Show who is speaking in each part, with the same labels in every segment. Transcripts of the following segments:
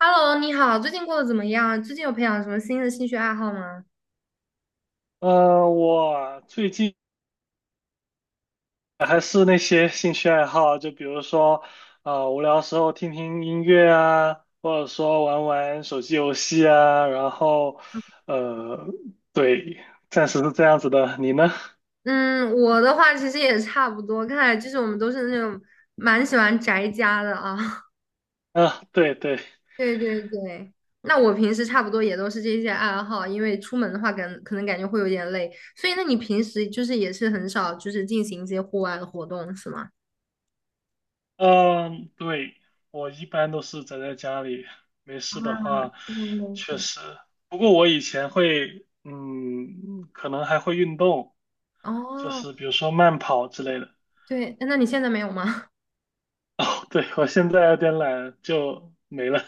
Speaker 1: Hello，你好，最近过得怎么样？最近有培养什么新的兴趣爱好吗？
Speaker 2: 我最近还是那些兴趣爱好，就比如说，无聊时候听听音乐啊，或者说玩玩手机游戏啊，然后，呃，对，暂时是这样子的。你呢？
Speaker 1: 嗯，我的话其实也差不多，看来就是我们都是那种蛮喜欢宅家的啊。
Speaker 2: 啊，对对，
Speaker 1: 对对对，那我平时差不多也都是这些爱好，因为出门的话感，可能感觉会有点累，所以那你平时就是也是很少就是进行一些户外的活动，是吗？
Speaker 2: 嗯，对，我一般都是宅在家里，没
Speaker 1: 啊，
Speaker 2: 事的话，
Speaker 1: 一般都
Speaker 2: 确
Speaker 1: 是。
Speaker 2: 实。不过我以前会，可能还会运动，就
Speaker 1: 哦，
Speaker 2: 是比如说慢跑之类的。
Speaker 1: 对，那你现在没有吗？
Speaker 2: 哦，对，我现在有点懒，就没了。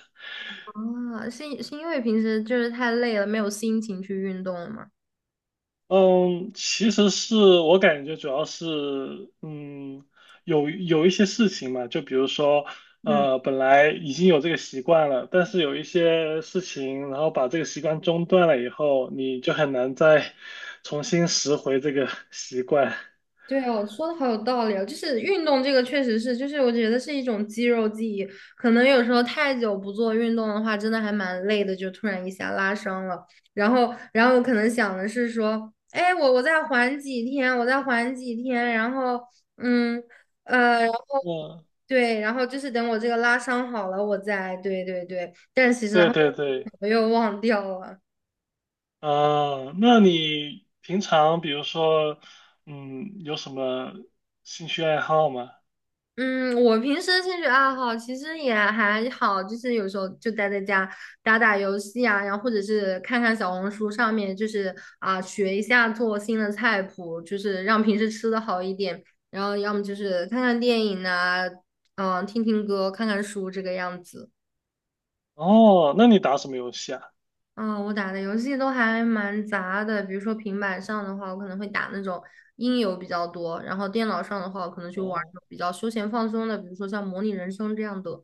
Speaker 1: 哦，是因为平时就是太累了，没有心情去运动了吗？
Speaker 2: 嗯，其实是我感觉主要是，嗯，有一些事情嘛，就比如说，
Speaker 1: 嗯。
Speaker 2: 本来已经有这个习惯了，但是有一些事情，然后把这个习惯中断了以后，你就很难再 重新拾回这个 习惯。
Speaker 1: 对哦，说的好有道理哦，就是运动这个确实是，就是我觉得是一种肌肉记忆，可能有时候太久不做运动的话，真的还蛮累的，就突然一下拉伤了。然后我可能想的是说，哎，我再缓几天，我再缓几天，嗯，然后
Speaker 2: 嗯，
Speaker 1: 对，然后就是等我这个拉伤好了，我再，对对对，但是其实然
Speaker 2: 对
Speaker 1: 后
Speaker 2: 对对，
Speaker 1: 我又忘掉了。
Speaker 2: 啊，那你平常比如说，有什么兴趣爱好吗？
Speaker 1: 嗯，我平时的兴趣爱好其实也还好，就是有时候就待在家打打游戏啊，然后或者是看看小红书上面，就是啊学一下做新的菜谱，就是让平时吃的好一点。然后要么就是看看电影啊，嗯，听听歌，看看书这个样子。
Speaker 2: 哦，那你打什么游戏啊？
Speaker 1: 嗯，我打的游戏都还蛮杂的，比如说平板上的话，我可能会打那种音游比较多，然后电脑上的话，我可能就玩儿
Speaker 2: 哦
Speaker 1: 那种比较休闲放松的，比如说像模拟人生这样的。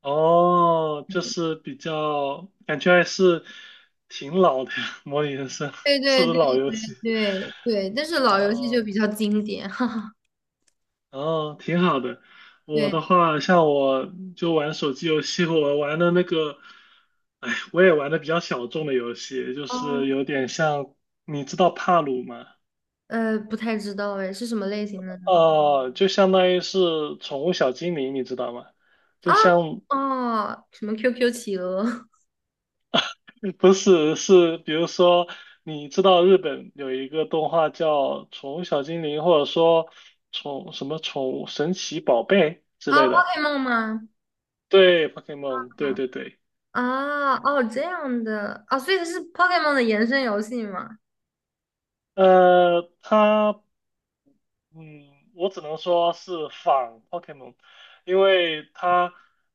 Speaker 2: 哦，就是比较感觉还是挺老的呀，《模拟人生》
Speaker 1: 对
Speaker 2: 是
Speaker 1: 对
Speaker 2: 不是
Speaker 1: 对
Speaker 2: 老游戏？
Speaker 1: 对对，但是老游戏就
Speaker 2: 哦
Speaker 1: 比较经典，哈哈。
Speaker 2: 哦，挺好的。我
Speaker 1: 对，
Speaker 2: 的话，像我就玩手机游戏，我玩的那个，哎，我也玩的比较小众的游戏，就是
Speaker 1: 嗯，
Speaker 2: 有点像，你知道帕鲁吗？
Speaker 1: 不太知道哎，是什么类型的呢？
Speaker 2: 哦，就相当于是宠物小精灵，你知道吗？就
Speaker 1: 啊，
Speaker 2: 像
Speaker 1: 哦，什么 QQ 企鹅
Speaker 2: 不是，是比如说，你知道日本有一个动画叫《宠物小精灵》，或者说宠什么宠物神奇宝贝之
Speaker 1: 啊
Speaker 2: 类的。
Speaker 1: ，Pokemon 吗？
Speaker 2: 对，Pokemon,对对对，
Speaker 1: 啊，哦，这样的啊，所以它是 Pokemon 的延伸游戏吗？
Speaker 2: 它嗯，我只能说是仿 Pokemon,因为它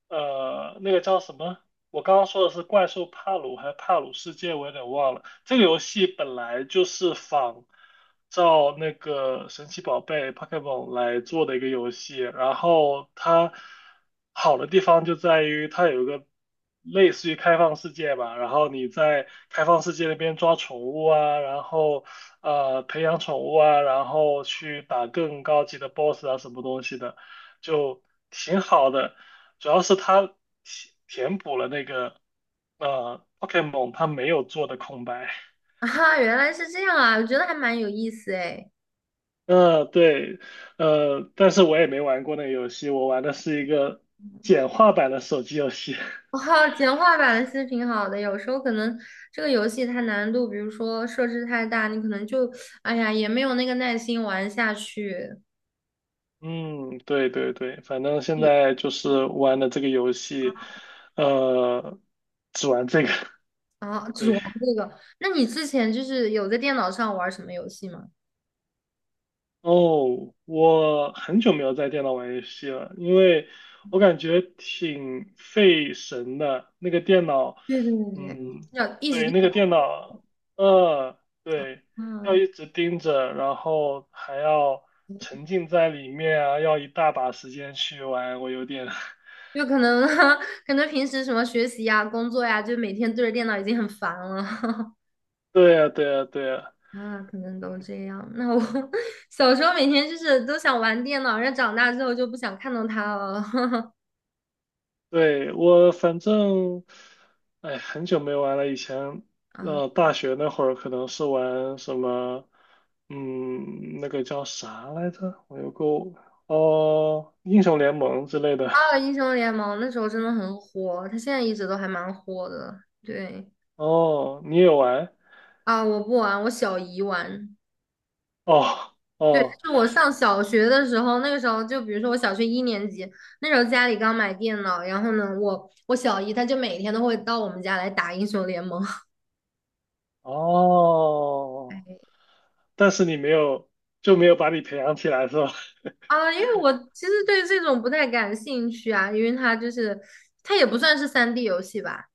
Speaker 2: 那个叫什么？我刚刚说的是怪兽帕鲁还是帕鲁世界，我有点忘了。这个游戏本来就是仿照那个神奇宝贝 Pokemon 来做的一个游戏，然后它好的地方就在于它有一个类似于开放世界吧，然后你在开放世界那边抓宠物啊，然后培养宠物啊，然后去打更高级的 BOSS 啊，什么东西的，就挺好的。主要是它填补了那个Pokemon 它没有做的空白。
Speaker 1: 啊，原来是这样啊，我觉得还蛮有意思哎。
Speaker 2: 对，但是我也没玩过那个游戏，我玩的是一个简化版的手机游戏。
Speaker 1: 哇，简化版其实挺好的，有时候可能这个游戏它难度，比如说设置太大，你可能就，哎呀，也没有那个耐心玩下去。
Speaker 2: 嗯，对对对，反正现在就是玩的这个游戏，呃，只玩这个，
Speaker 1: 啊，只
Speaker 2: 对。
Speaker 1: 玩这个。那你之前就是有在电脑上玩什么游戏吗？
Speaker 2: 哦，我很久没有在电脑玩游戏了，因为我感觉挺费神的。那个电脑，
Speaker 1: 对对对对，
Speaker 2: 嗯，
Speaker 1: 要一直
Speaker 2: 对，
Speaker 1: 电
Speaker 2: 那
Speaker 1: 脑，
Speaker 2: 个电脑，对，要
Speaker 1: 嗯，
Speaker 2: 一直盯着，然后还要沉
Speaker 1: 对
Speaker 2: 浸在里面啊，要一大把时间去玩，我有点，
Speaker 1: 就可能 可能平时什么学习呀、工作呀，就每天对着电脑已经很烦了
Speaker 2: 对呀，对呀，对呀。
Speaker 1: 啊，可能都
Speaker 2: 嗯。
Speaker 1: 这样。那我 小时候每天就是都想玩电脑，但长大之后就不想看到它了
Speaker 2: 对，我反正，哎，很久没玩了。以前，
Speaker 1: 啊。
Speaker 2: 大学那会儿可能是玩什么，那个叫啥来着？我有个，哦，英雄联盟之类的。
Speaker 1: 啊，英雄联盟那时候真的很火，它现在一直都还蛮火的。对
Speaker 2: 哦，你也玩？
Speaker 1: 啊，我不玩，我小姨玩。
Speaker 2: 哦，
Speaker 1: 对，就
Speaker 2: 哦，
Speaker 1: 是我上小学的时候，那个时候就比如说我小学一年级，那时候家里刚买电脑，然后呢，我小姨她就每天都会到我们家来打英雄联盟
Speaker 2: 哦，但是你没有，就没有把你培养起来是吧？
Speaker 1: 啊，因为我其实对这种不太感兴趣啊，因为它就是它也不算是三 d 游戏吧，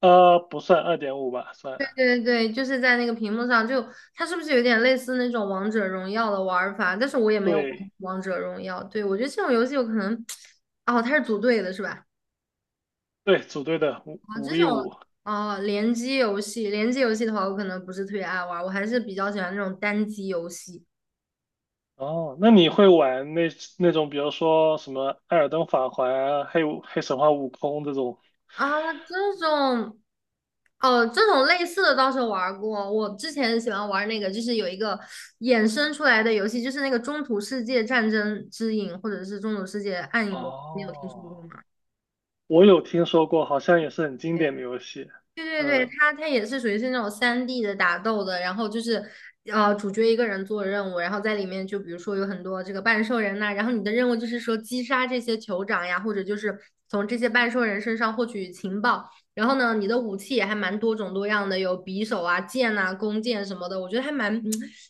Speaker 2: 不算2.5吧，算。
Speaker 1: 对对对，就是在那个屏幕上就它是不是有点类似那种王者荣耀的玩法？但是我也没有玩
Speaker 2: 对，
Speaker 1: 王者荣耀，对，我觉得这种游戏有可能，哦，它是组队的是吧？
Speaker 2: 对，组队的五
Speaker 1: 啊，
Speaker 2: 五
Speaker 1: 这种
Speaker 2: v 五。
Speaker 1: 啊，联机游戏，联机游戏的话，我可能不是特别爱玩儿我还是比较喜欢那种单机游戏
Speaker 2: 哦，那你会玩那那种，比如说什么《艾尔登法环》啊黑神话悟空》这种？
Speaker 1: 啊。这种，哦，这种类似的倒是玩儿过。我之前喜欢玩儿那个，就是有一个衍生出来的游戏，就是那个《中土世界战争之影》，或者是《中土世界暗影魔》，你有听说
Speaker 2: 哦，
Speaker 1: 过吗？
Speaker 2: 我有听说过，好像也是很经典的游戏。
Speaker 1: 对对对，
Speaker 2: 嗯，
Speaker 1: 它也是属于是那种三 d 的打斗的，然后就是主角一个人做任务，然后在里面就比如说有很多这个半兽人呐、然后你的任务就是说击杀这些酋长呀，或者就是从这些半兽人身上获取情报，然后呢你的武器也还蛮多种多样的，有匕首啊、剑呐、弓箭什么的，我觉得还蛮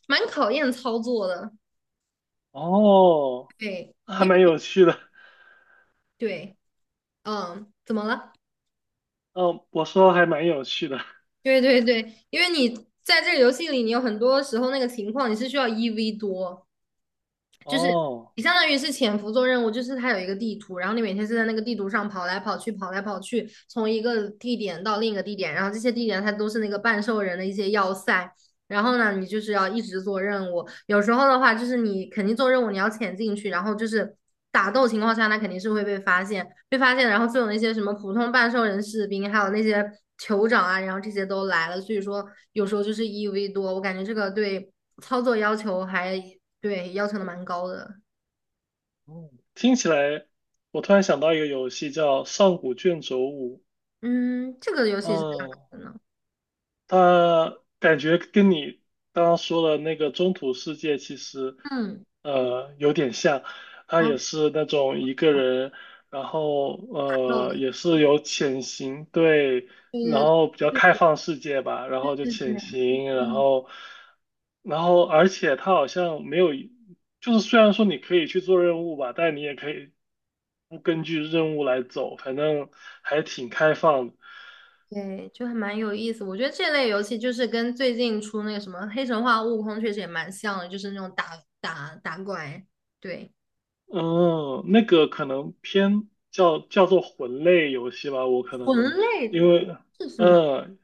Speaker 1: 蛮考验操作的，
Speaker 2: 哦，
Speaker 1: 对，
Speaker 2: 还
Speaker 1: 因
Speaker 2: 蛮
Speaker 1: 为
Speaker 2: 有趣的。
Speaker 1: 对，怎么了？
Speaker 2: 嗯，我说还蛮有趣的。
Speaker 1: 对对对，因为你在这个游戏里，你有很多时候那个情况你是需要一 v 多。就是
Speaker 2: 哦，
Speaker 1: 你相当于是潜伏做任务，就是它有一个地图，然后你每天是在那个地图上跑来跑去，跑来跑去，从一个地点到另一个地点，然后这些地点它都是那个半兽人的一些要塞。然后呢，你就是要一直做任务。有时候的话，就是你肯定做任务，你要潜进去，然后就是打斗情况下，那肯定是会被发现，被发现，然后就有那些什么普通半兽人士兵，还有那些酋长啊，然后这些都来了。所以说，有时候就是一 v 多，我感觉这个对操作要求还对，要求的蛮高的。
Speaker 2: 嗯，听起来，我突然想到一个游戏叫《上古卷轴五》。
Speaker 1: 嗯，这个游戏是干
Speaker 2: 嗯，
Speaker 1: 嘛的呢？
Speaker 2: 他感觉跟你刚刚说的那个中土世界其实，
Speaker 1: 嗯，
Speaker 2: 有点像，他也
Speaker 1: 哦，
Speaker 2: 是那种一个人，然后
Speaker 1: 打斗的，
Speaker 2: 也是有潜行，对，然
Speaker 1: 对
Speaker 2: 后比较
Speaker 1: 对
Speaker 2: 开
Speaker 1: 对
Speaker 2: 放世界吧，然后就
Speaker 1: 对对
Speaker 2: 潜行，然
Speaker 1: 嗯，
Speaker 2: 后，然后而且他好像没有，就是虽然说你可以去做任务吧，但你也可以不根据任务来走，反正还挺开放的
Speaker 1: 对，就还蛮有意思。我觉得这类游戏就是跟最近出那个什么《黑神话：悟空》确实也蛮像的，就是那种打打打怪，对，
Speaker 2: 嗯，那个可能偏叫做魂类游戏吧，我可能
Speaker 1: 魂类
Speaker 2: 因为
Speaker 1: 是什么？
Speaker 2: 嗯，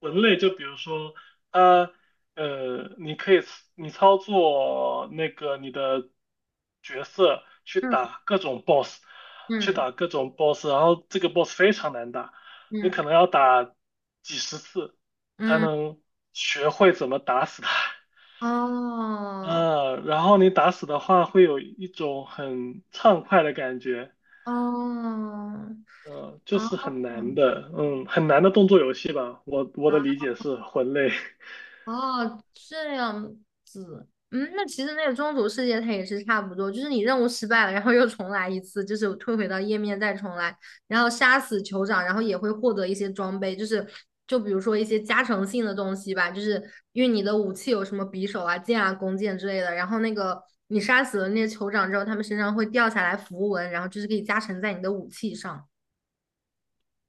Speaker 2: 魂类就比如说啊你可以你操作那个你的角色去
Speaker 1: 嗯
Speaker 2: 打各种 boss,去
Speaker 1: 嗯
Speaker 2: 打各种 boss,然后这个 boss 非常难打，你
Speaker 1: 嗯
Speaker 2: 可能要打几十次才
Speaker 1: 嗯，
Speaker 2: 能学会怎么打死它。
Speaker 1: 哦
Speaker 2: 嗯，然后你打死的话，会有一种很畅快的感觉，
Speaker 1: 哦
Speaker 2: 嗯，就
Speaker 1: 哦
Speaker 2: 是很难
Speaker 1: 哦
Speaker 2: 的，嗯，很难的动作游戏吧。我的理解是魂类，
Speaker 1: 哦，这样子，嗯，那其实那个中途世界它也是差不多，就是你任务失败了，然后又重来一次，就是退回到页面再重来，然后杀死酋长，然后也会获得一些装备，就是就比如说一些加成性的东西吧，就是因为你的武器有什么匕首啊、剑啊、弓箭之类的，然后那个你杀死了那些酋长之后，他们身上会掉下来符文，然后就是可以加成在你的武器上，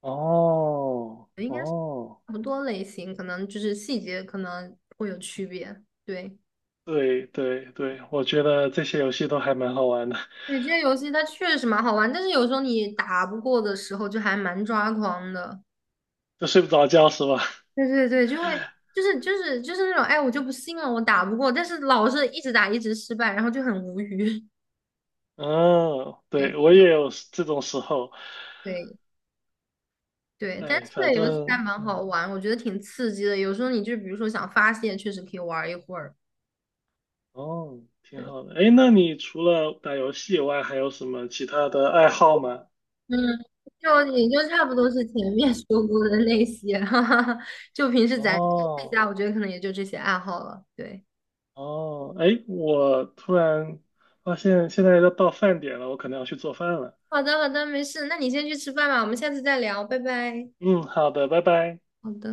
Speaker 2: 哦
Speaker 1: 应该是
Speaker 2: 哦，
Speaker 1: 差不多类型，可能就是细节可能会有区别，对。
Speaker 2: 对对对，我觉得这些游戏都还蛮好玩的，
Speaker 1: 对，这些游戏它确实蛮好玩，但是有时候你打不过的时候就还蛮抓狂的。
Speaker 2: 就睡不着觉是吧？
Speaker 1: 对对对，就会就是那种，哎，我就不信了，我打不过，但是老是一直打一直失败，然后就很无语。
Speaker 2: 嗯，对，
Speaker 1: 对
Speaker 2: 我也有这种时候，
Speaker 1: 对对，但
Speaker 2: 哎，
Speaker 1: 是这
Speaker 2: 反
Speaker 1: 个游戏还
Speaker 2: 正
Speaker 1: 蛮好
Speaker 2: 嗯
Speaker 1: 玩，我觉得挺刺激的。有时候你就比如说想发泄，确实可以玩一会儿。
Speaker 2: 哦，挺
Speaker 1: 对，
Speaker 2: 好的。哎，那你除了打游戏以外，还有什么其他的爱好吗？
Speaker 1: 嗯，就也就差不多是前面说过的那些，哈哈哈。就平时咱在家，
Speaker 2: 哦。
Speaker 1: 我觉得可能也就这些爱好了。对。
Speaker 2: 哦，哎，我突然发现现在要到饭点了，我可能要去做饭了。
Speaker 1: 好的，好的，没事，那你先去吃饭吧，我们下次再聊，拜拜。
Speaker 2: 嗯，好的，拜拜。
Speaker 1: 好的。